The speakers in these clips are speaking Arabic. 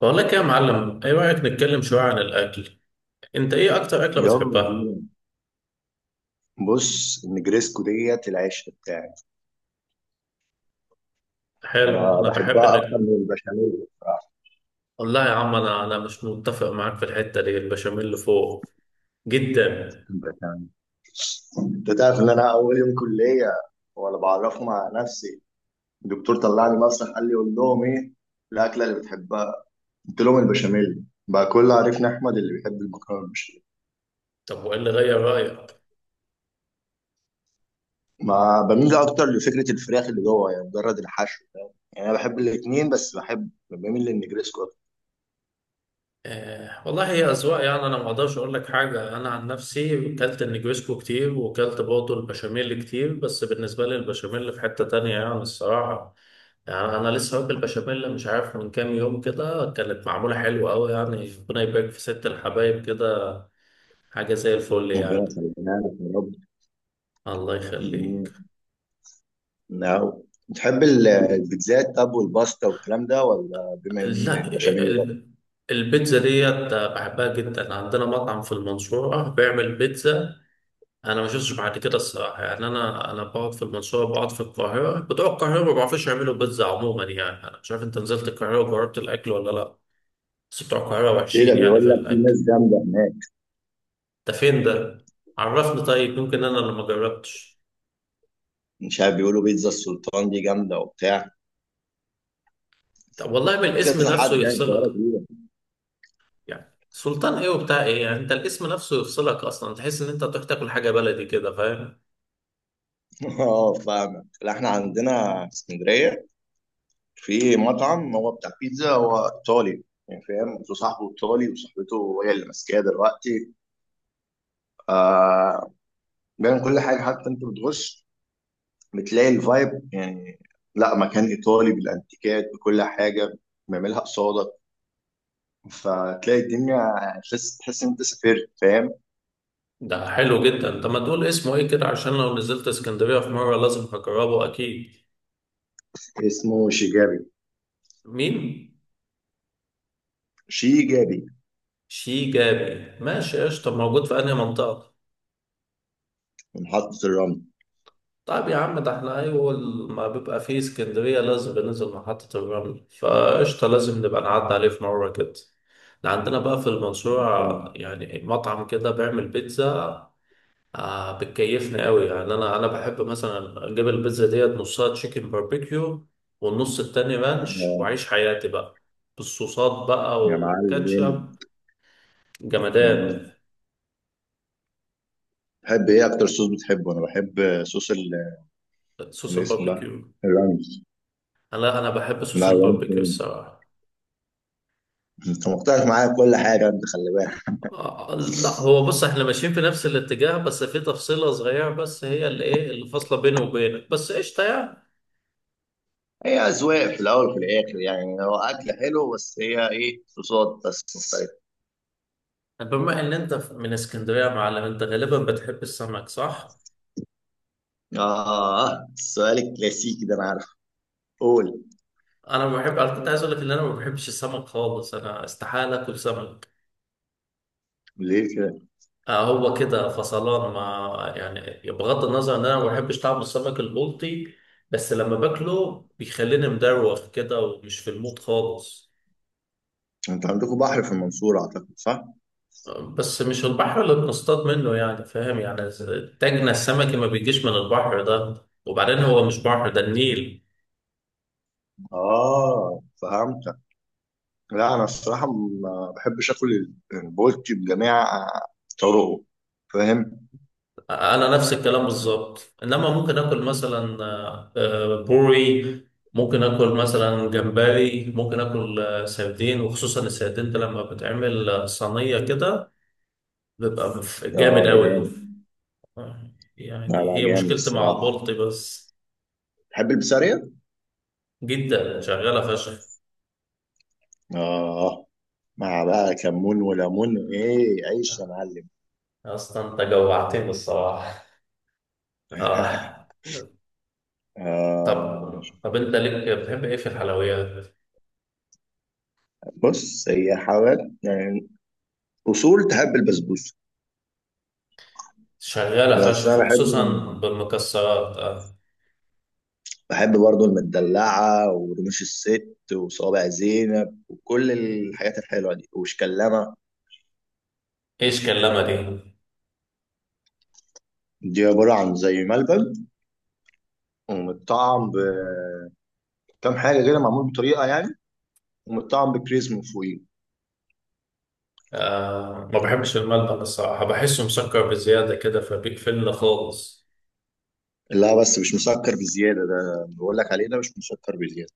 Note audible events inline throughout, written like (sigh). بقول لك إيه يا معلم، ايه رايك نتكلم شويه عن الاكل؟ انت ايه اكتر اكله يلا بتحبها؟ بينا. بص، النجريسكو ديت العشق بتاعي. حلو، انا انا بحب ان. بحبها اكتر من البشاميل بصراحه. والله يا عم انا مش متفق معاك في الحته دي، البشاميل اللي فوق جدا. البشاميل، انت تعرف ان انا اول يوم كليه وانا بعرف مع نفسي، الدكتور طلعني مسرح قال لي قول لهم ايه الاكله اللي بتحبها، قلت لهم البشاميل بقى. كل عرفنا احمد اللي بيحب المكرونه بالبشاميل. طب وايه اللي غير رايك؟ ما بميل اكتر لفكره الفراخ اللي جوه، يعني مجرد الحشو، فاهم؟ يعني انا بحب الاثنين، بس بحب بميل للنجريسكو اكتر. آه والله، هي اذواق يعني. انا ما اقدرش اقول لك حاجه، انا عن نفسي كلت النجريسكو كتير وكلت برضه البشاميل كتير، بس بالنسبه لي البشاميل في حته تانية يعني الصراحه. يعني انا لسه واكل بشاميل مش عارف من كام يوم كده، كانت معموله حلوه قوي يعني، ربنا يبارك في ست الحبايب كده. حاجة زي الفل ربنا يعني. يخلينا لك يا الله يخليك. رب. نعم. بتحب البيتزات طب والباستا والكلام ده، ولا بما ان لا، البشاميل ده؟ ال- البيتزا ديت بحبها جدا، عندنا مطعم في المنصورة بيعمل بيتزا أنا ما شفتش بعد كده الصراحة. يعني أنا بقعد في المنصورة، بقعد في القاهرة، بتوع القاهرة ما بيعرفوش يعملوا بيتزا عموما. يعني أنا مش عارف أنت نزلت القاهرة وجربت الأكل ولا لأ، بس بتوع القاهرة ايه ده، وحشين يعني بيقول في لك في الأكل. ناس جامده هناك. ده فين ده؟ عرفني، طيب يمكن أنا اللي ما جربتش. مش عارف، بيقولوا بيتزا السلطان دي جامده وبتاع طب والله بالاسم كذا نفسه حد يعني في القاهره يفصلك. كبيره. يعني سلطان ايه وبتاع ايه، يعني انت الاسم نفسه يفصلك اصلا، تحس ان انت تروح تاكل حاجه بلدي كده، فاهم. (laughs) اه فاهمك. لا، احنا عندنا في اسكندريه في مطعم، هو بتاع بيتزا، هو ايطالي يعني، فاهم؟ صاحبه ايطالي، وصاحبته هي اللي ماسكاه دلوقتي. آه. بيعمل كل حاجه، حتى انت بتغش، بتلاقي الفايب يعني. لا، مكان ايطالي بالانتيكات بكل حاجه، بيعملها قصادك، فتلاقي الدنيا، تحس ان انت سافرت، فاهم. ده حلو جدا، انت ما تقول اسمه ايه كده عشان لو نزلت اسكندريه في مره لازم هجربه اكيد. اسمه شيجابي. مين؟ شيجابي. شيجابي، ماشي قشطه. موجود في انهي منطقه؟ محطه الرمل. طيب يا عم، ده احنا اول ما بيبقى فيه اسكندريه لازم بننزل محطه الرمل، فقشطه لازم نبقى نعدي عليه في مره كده. ده عندنا بقى في المنصوره يعني مطعم كده بيعمل بيتزا آه، بتكيفني قوي يعني. انا بحب مثلا اجيب البيتزا ديت نصها تشيكن باربيكيو والنص التاني رانش، آه، واعيش حياتي بقى بالصوصات بقى يا معلم. والكاتشب. جمدان. مم. تحب ايه اكتر؟ صوص بتحبه؟ انا بحب صوص صوص اللي اسمه ده، الباربيكيو. الرمل. انا بحب صوص لا الباربيكيو يعني، الصراحه. انت مقتنع معايا بكل حاجه، انت خلي بالك. آه آه، لا هو بص، احنا ماشيين في نفس الاتجاه، بس في تفصيله صغيره بس هي اللي ايه اللي فاصله بيني وبينك بس، قشطه يعني. هي اذواق في الاول وفي الاخر، يعني هو اكل حلو، بس هي ايه، صوصات بس مختلفه. بما ان انت من اسكندريه يا معلم، انت غالبا بتحب السمك صح؟ آه، السؤال الكلاسيكي ده أنا عارف. قول. انا ما بحب، انا كنت عايز اقول لك ان انا ما بحبش السمك خالص، انا استحاله اكل سمك. ليه كده؟ آه هو كده فصلان ما، يعني بغض النظر ان انا ما بحبش طعم السمك البلطي، بس لما باكله بيخليني مدروخ كده ومش في المود خالص. انت عندكم بحر في المنصورة اعتقد، صح؟ آه، بس مش البحر اللي بنصطاد منه يعني، فاهم يعني. تاجنا السمكي ما بيجيش من البحر ده، وبعدين هو مش بحر ده، النيل. آه فهمتك. لا، انا الصراحة ما بحبش اكل البولتي بجميع طرقه، فاهم؟ انا نفس الكلام بالظبط، انما ممكن اكل مثلا بوري، ممكن اكل مثلا جمبري، ممكن اكل سردين، وخصوصا السردين ده لما بتعمل صينيه كده بيبقى آه جامد ده قوي. جامد. لا يعني لا، هي جامد مشكلتي مع الصراحة. البلطي بس. تحب البسارية؟ جدا، شغاله فشخ. اه، مع بقى كمون وليمون، ايه، عيش يا معلم. اصلا انت جوعتني الصراحه. اه. (laughs) آه. طب انت ليك، بتحب ايه في الحلويات؟ بص، هي حاجات يعني أصول. تحب البسبوسة؟ شغاله بس أنا فشخ، بحب، وخصوصا بالمكسرات آه. بحب برضو المدلعة ورموش الست وصوابع زينب وكل الحاجات الحلوة دي، وشكلامة. ايش كلمه دي؟ دي عبارة عن زي ملبن ومتطعم بكام حاجة كده، معمول بطريقة يعني، ومتطعم بكريز من فوقيه. آه ما بحبش الملبن الصراحة، بحسه مسكر بزيادة كده، فبيقفلنا خالص. لا بس مش مسكر بزيادة، ده بقول لك عليه ده مش مسكر بزيادة.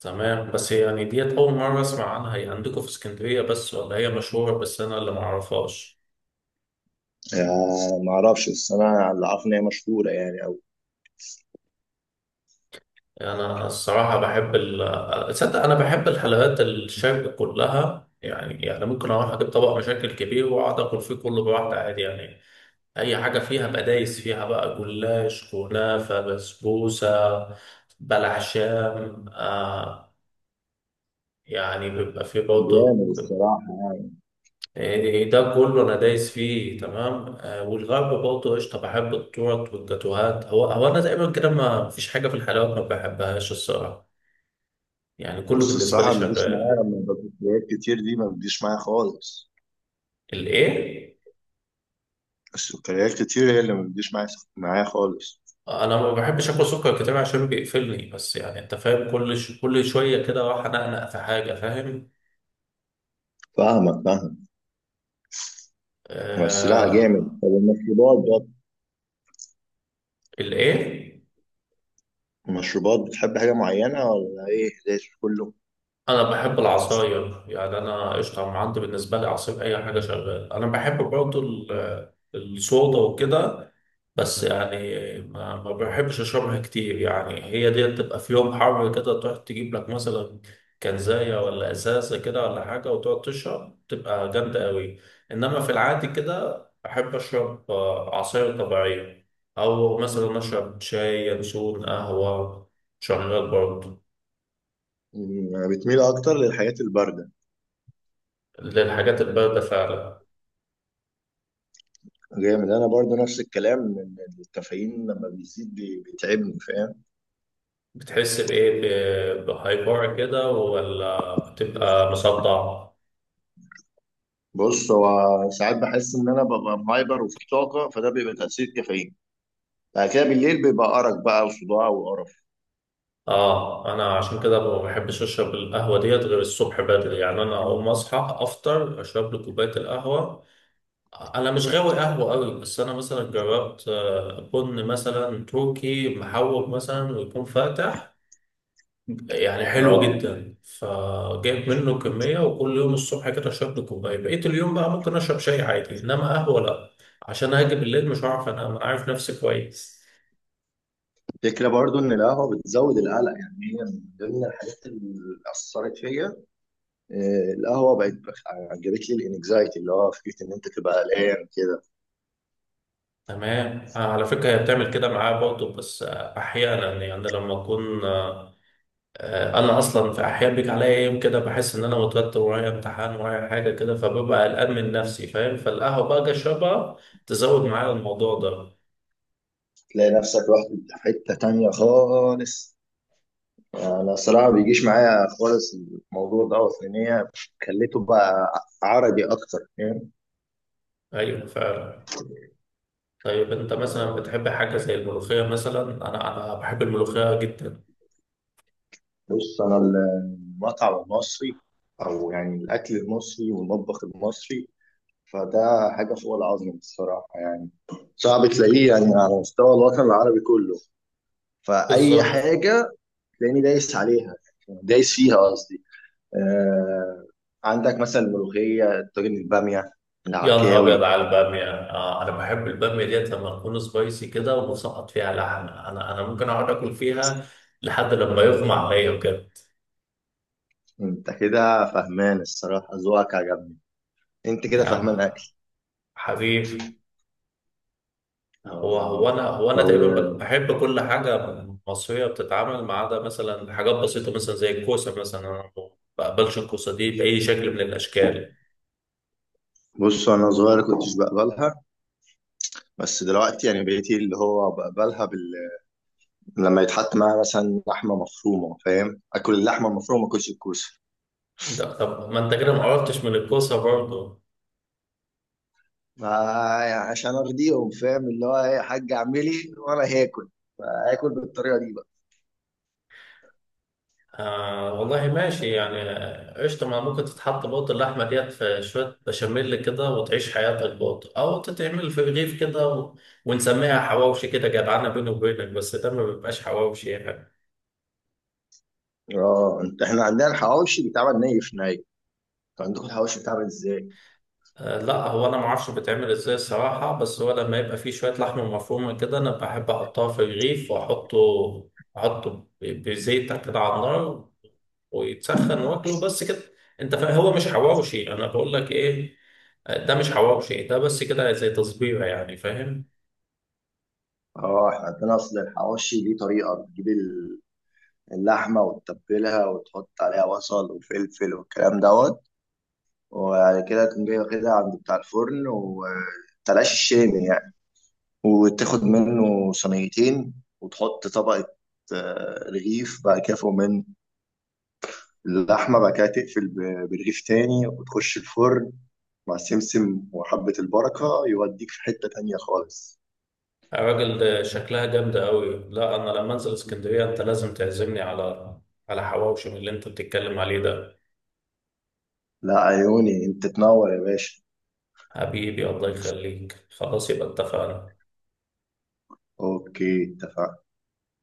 تمام، بس يعني ديت أول مرة أسمع عنها. هي عندكم في اسكندرية بس ولا هي مشهورة بس أنا اللي معرفهاش؟ آه ما اعرفش، بس انا اللي عارف ان هي مشهورة يعني، او أنا الصراحة بحب ال تصدق أنا بحب الحلويات الشرق كلها، يعني يعني ممكن أروح أجيب طبق مشاكل كبير وأقعد آكل فيه كله براحتي عادي يعني. أي حاجة فيها بقى دايس فيها بقى، جلاش، كنافة، بسبوسة، بلح شام آه، يعني بيبقى فيه برضه، جامد الصراحة. يعني إيه ده كله، انا دايس فيه تمام. آه، والغرب برضه قشطه، بحب التورت والجاتوهات. هو هو انا تقريبا كده ما فيش حاجه في الحلويات ما بحبهاش الصراحه، يعني كله بس بالنسبه لي الصراحة ما بتجيش شغال. معايا لما بسكريات كتير، دي ما بتجيش معايا خالص. الايه؟ السكريات كتير هي اللي ما بتجيش معايا، معايا خالص. انا ما بحبش اكل سكر كتير عشان بيقفلني، بس يعني انت فاهم، كل ش... كل شويه كده راح انقنق في حاجه، فاهم. فاهمك، فاهم. هو السلع آه. جامد. طب المشروبات بقى، الايه؟ المشروبات بتحب حاجة معينة ولا ايه، ليش كله؟ انا بحب العصاير يعني. انا قشطه، أنا عندي بالنسبه لي عصير اي حاجه شغال. انا بحب برضه الصودا وكده، بس يعني ما بحبش اشربها كتير. يعني هي دي تبقى في يوم حر كده تروح تجيب لك مثلا كنزايه ولا ازازه كده ولا حاجه وتقعد تشرب، تبقى جامده قوي. انما في العادي كده بحب اشرب عصاير طبيعيه، او مثلا اشرب شاي ينسون قهوه، شغال برضه. مم، بتميل اكتر للحاجات الباردة. للحاجات البارده فعلا. جامد، انا برضو نفس الكلام، إن الكافيين لما بيزيد بيتعبني، فاهم. بتحس بإيه؟ بهايبر كده، ولا بتبقى مصدع؟ بص هو، ساعات بحس ان انا ببقى مهايبر وفي طاقة، فده بيبقى تأثير كافيين. بعد كده بالليل بيبقى أرق بقى وصداع وقرف. آه، أنا عشان كده ما بحبش أشرب القهوة ديت غير الصبح بدري، يعني أنا أقوم أصحى أفطر أشرب لي كوباية القهوة. أنا مش غاوي قهوة أوي، بس أنا مثلا جربت بن مثلا تركي محوج مثلا ويكون فاتح، يعني حلو اه، جدا، فجايب منه كمية وكل يوم الصبح كده اشرب لي كوباية. بقيت اليوم بقى ممكن اشرب شاي عادي، انما قهوة لا، عشان هاجي بالليل مش هعرف انام، انا عارف نفسي كويس. الفكرة برضو ان القهوة بتزود القلق، يعني هي من ضمن الحاجات اللي أثرت فيا. القهوة بقت جابت لي الانكزايتي، اللي هو فكرة إن أنت تبقى قلقان كده. تمام آه، على فكرة هي بتعمل كده معايا برضه، بس احيانا يعني لما اكون انا اصلا في احيان بيجي عليا يوم كده بحس ان انا متوتر، ورايا امتحان ورايا حاجة كده، فببقى قلقان من نفسي فاهم، فالقهوة بقى اجي اشربها تزود معايا الموضوع ده. تلاقي نفسك رحت في حتة تانية خالص. أنا الصراحة ما بيجيش معايا خالص الموضوع ده، لأن هي خليته بقى عربي أكتر، فاهم. ايوه فعلا. طيب انت مثلا آه، بتحب حاجه زي الملوخيه مثلا؟ انا بحب الملوخيه جدا. بص، أنا المطعم المصري، أو يعني الأكل المصري والمطبخ المصري، فده حاجة فوق العظم الصراحة يعني. صعب تلاقيه يعني على مستوى الوطن العربي كله. فأي بالظبط. حاجة تلاقيني دايس عليها، دايس فيها قصدي. آه، عندك مثلا الملوخية، الطاجن، البامية، يا نهار ابيض العكاوي. على الباميه، آه انا بحب الباميه ديت لما تكون سبايسي كده ومسقط فيها لحمه، انا ممكن اقعد اكل فيها لحد لما يغمى عليا وكده. انت كده فهمان الصراحة، ذوقك عجبني. انت يا كده فهمان عم اكل. حبيبي. هو هو آه. انا، هو انا أو تقريبا بحب كل حاجه مصريه بتتعمل، ما عدا مثلا حاجات بسيطه مثلا زي الكوسه مثلا، انا ما بقبلش الكوسه دي باي شكل من الاشكال. بص، انا صغير كنتش بقبلها، بس دلوقتي يعني بقيت اللي هو بقبلها لما يتحط معاها مثلا لحمة مفرومة، فاهم، اكل اللحمة المفرومة، ما اكلش الكوسة. طب ما انت كده ما عرفتش من الكوسه برضه. ما- يعني عشان ارضيهم، فاهم، اللي هو ايه، يا حاج اعملي وانا هاكل، فاكل بالطريقة دي بقى. آه والله ماشي يعني. آه، قشطة ما ممكن تتحط بوط اللحمة ديت في شوية بشاميل كده وتعيش حياتك بوط، أو تتعمل في رغيف كده و... ونسميها حواوشي كده جدعانة بيني وبينك، بس ده ما بيبقاش حواوشي يعني. اه انت، احنا عندنا الحواوشي بيتعمل ني في ني، انتوا عندكم الحواوشي بيتعمل ازاي؟ آه، لا هو انا ما اعرفش بتعمل ازاي الصراحه، بس هو لما يبقى فيه شويه لحمه مفرومه كده انا بحب احطها في الرغيف، واحطه احطه بزيت كده على النار ويتسخن واكله بس كده. انت فاهم، هو مش حواوشي، انا بقول لك ايه، آه، ده مش حواوشي ده، بس كده زي تصبيره يعني، فاهم. اه، احنا عندنا اصل الحواوشي ليه طريقه، بتجيب اللحمه وتتبلها وتحط عليها بصل وفلفل والكلام دوت، وبعد كده تقوم جاي واخدها عند بتاع الفرن وتلاش الشامي يعني، وتاخد منه صينيتين، وتحط طبقه آه، رغيف، بعد كده فوق منه اللحمة، بعد كده تقفل برغيف تاني وتخش الفرن مع سمسم وحبة البركة، يوديك في حتة تانية خالص. الراجل ده شكلها جامده قوي، لا انا لما انزل اسكندريه انت لازم تعزمني على على حواوشي من اللي انت بتتكلم عليه ده. لا عيوني، انت تنور يا باشا. حبيبي الله يخليك، خلاص يبقى اتفقنا. اوكي اتفقنا.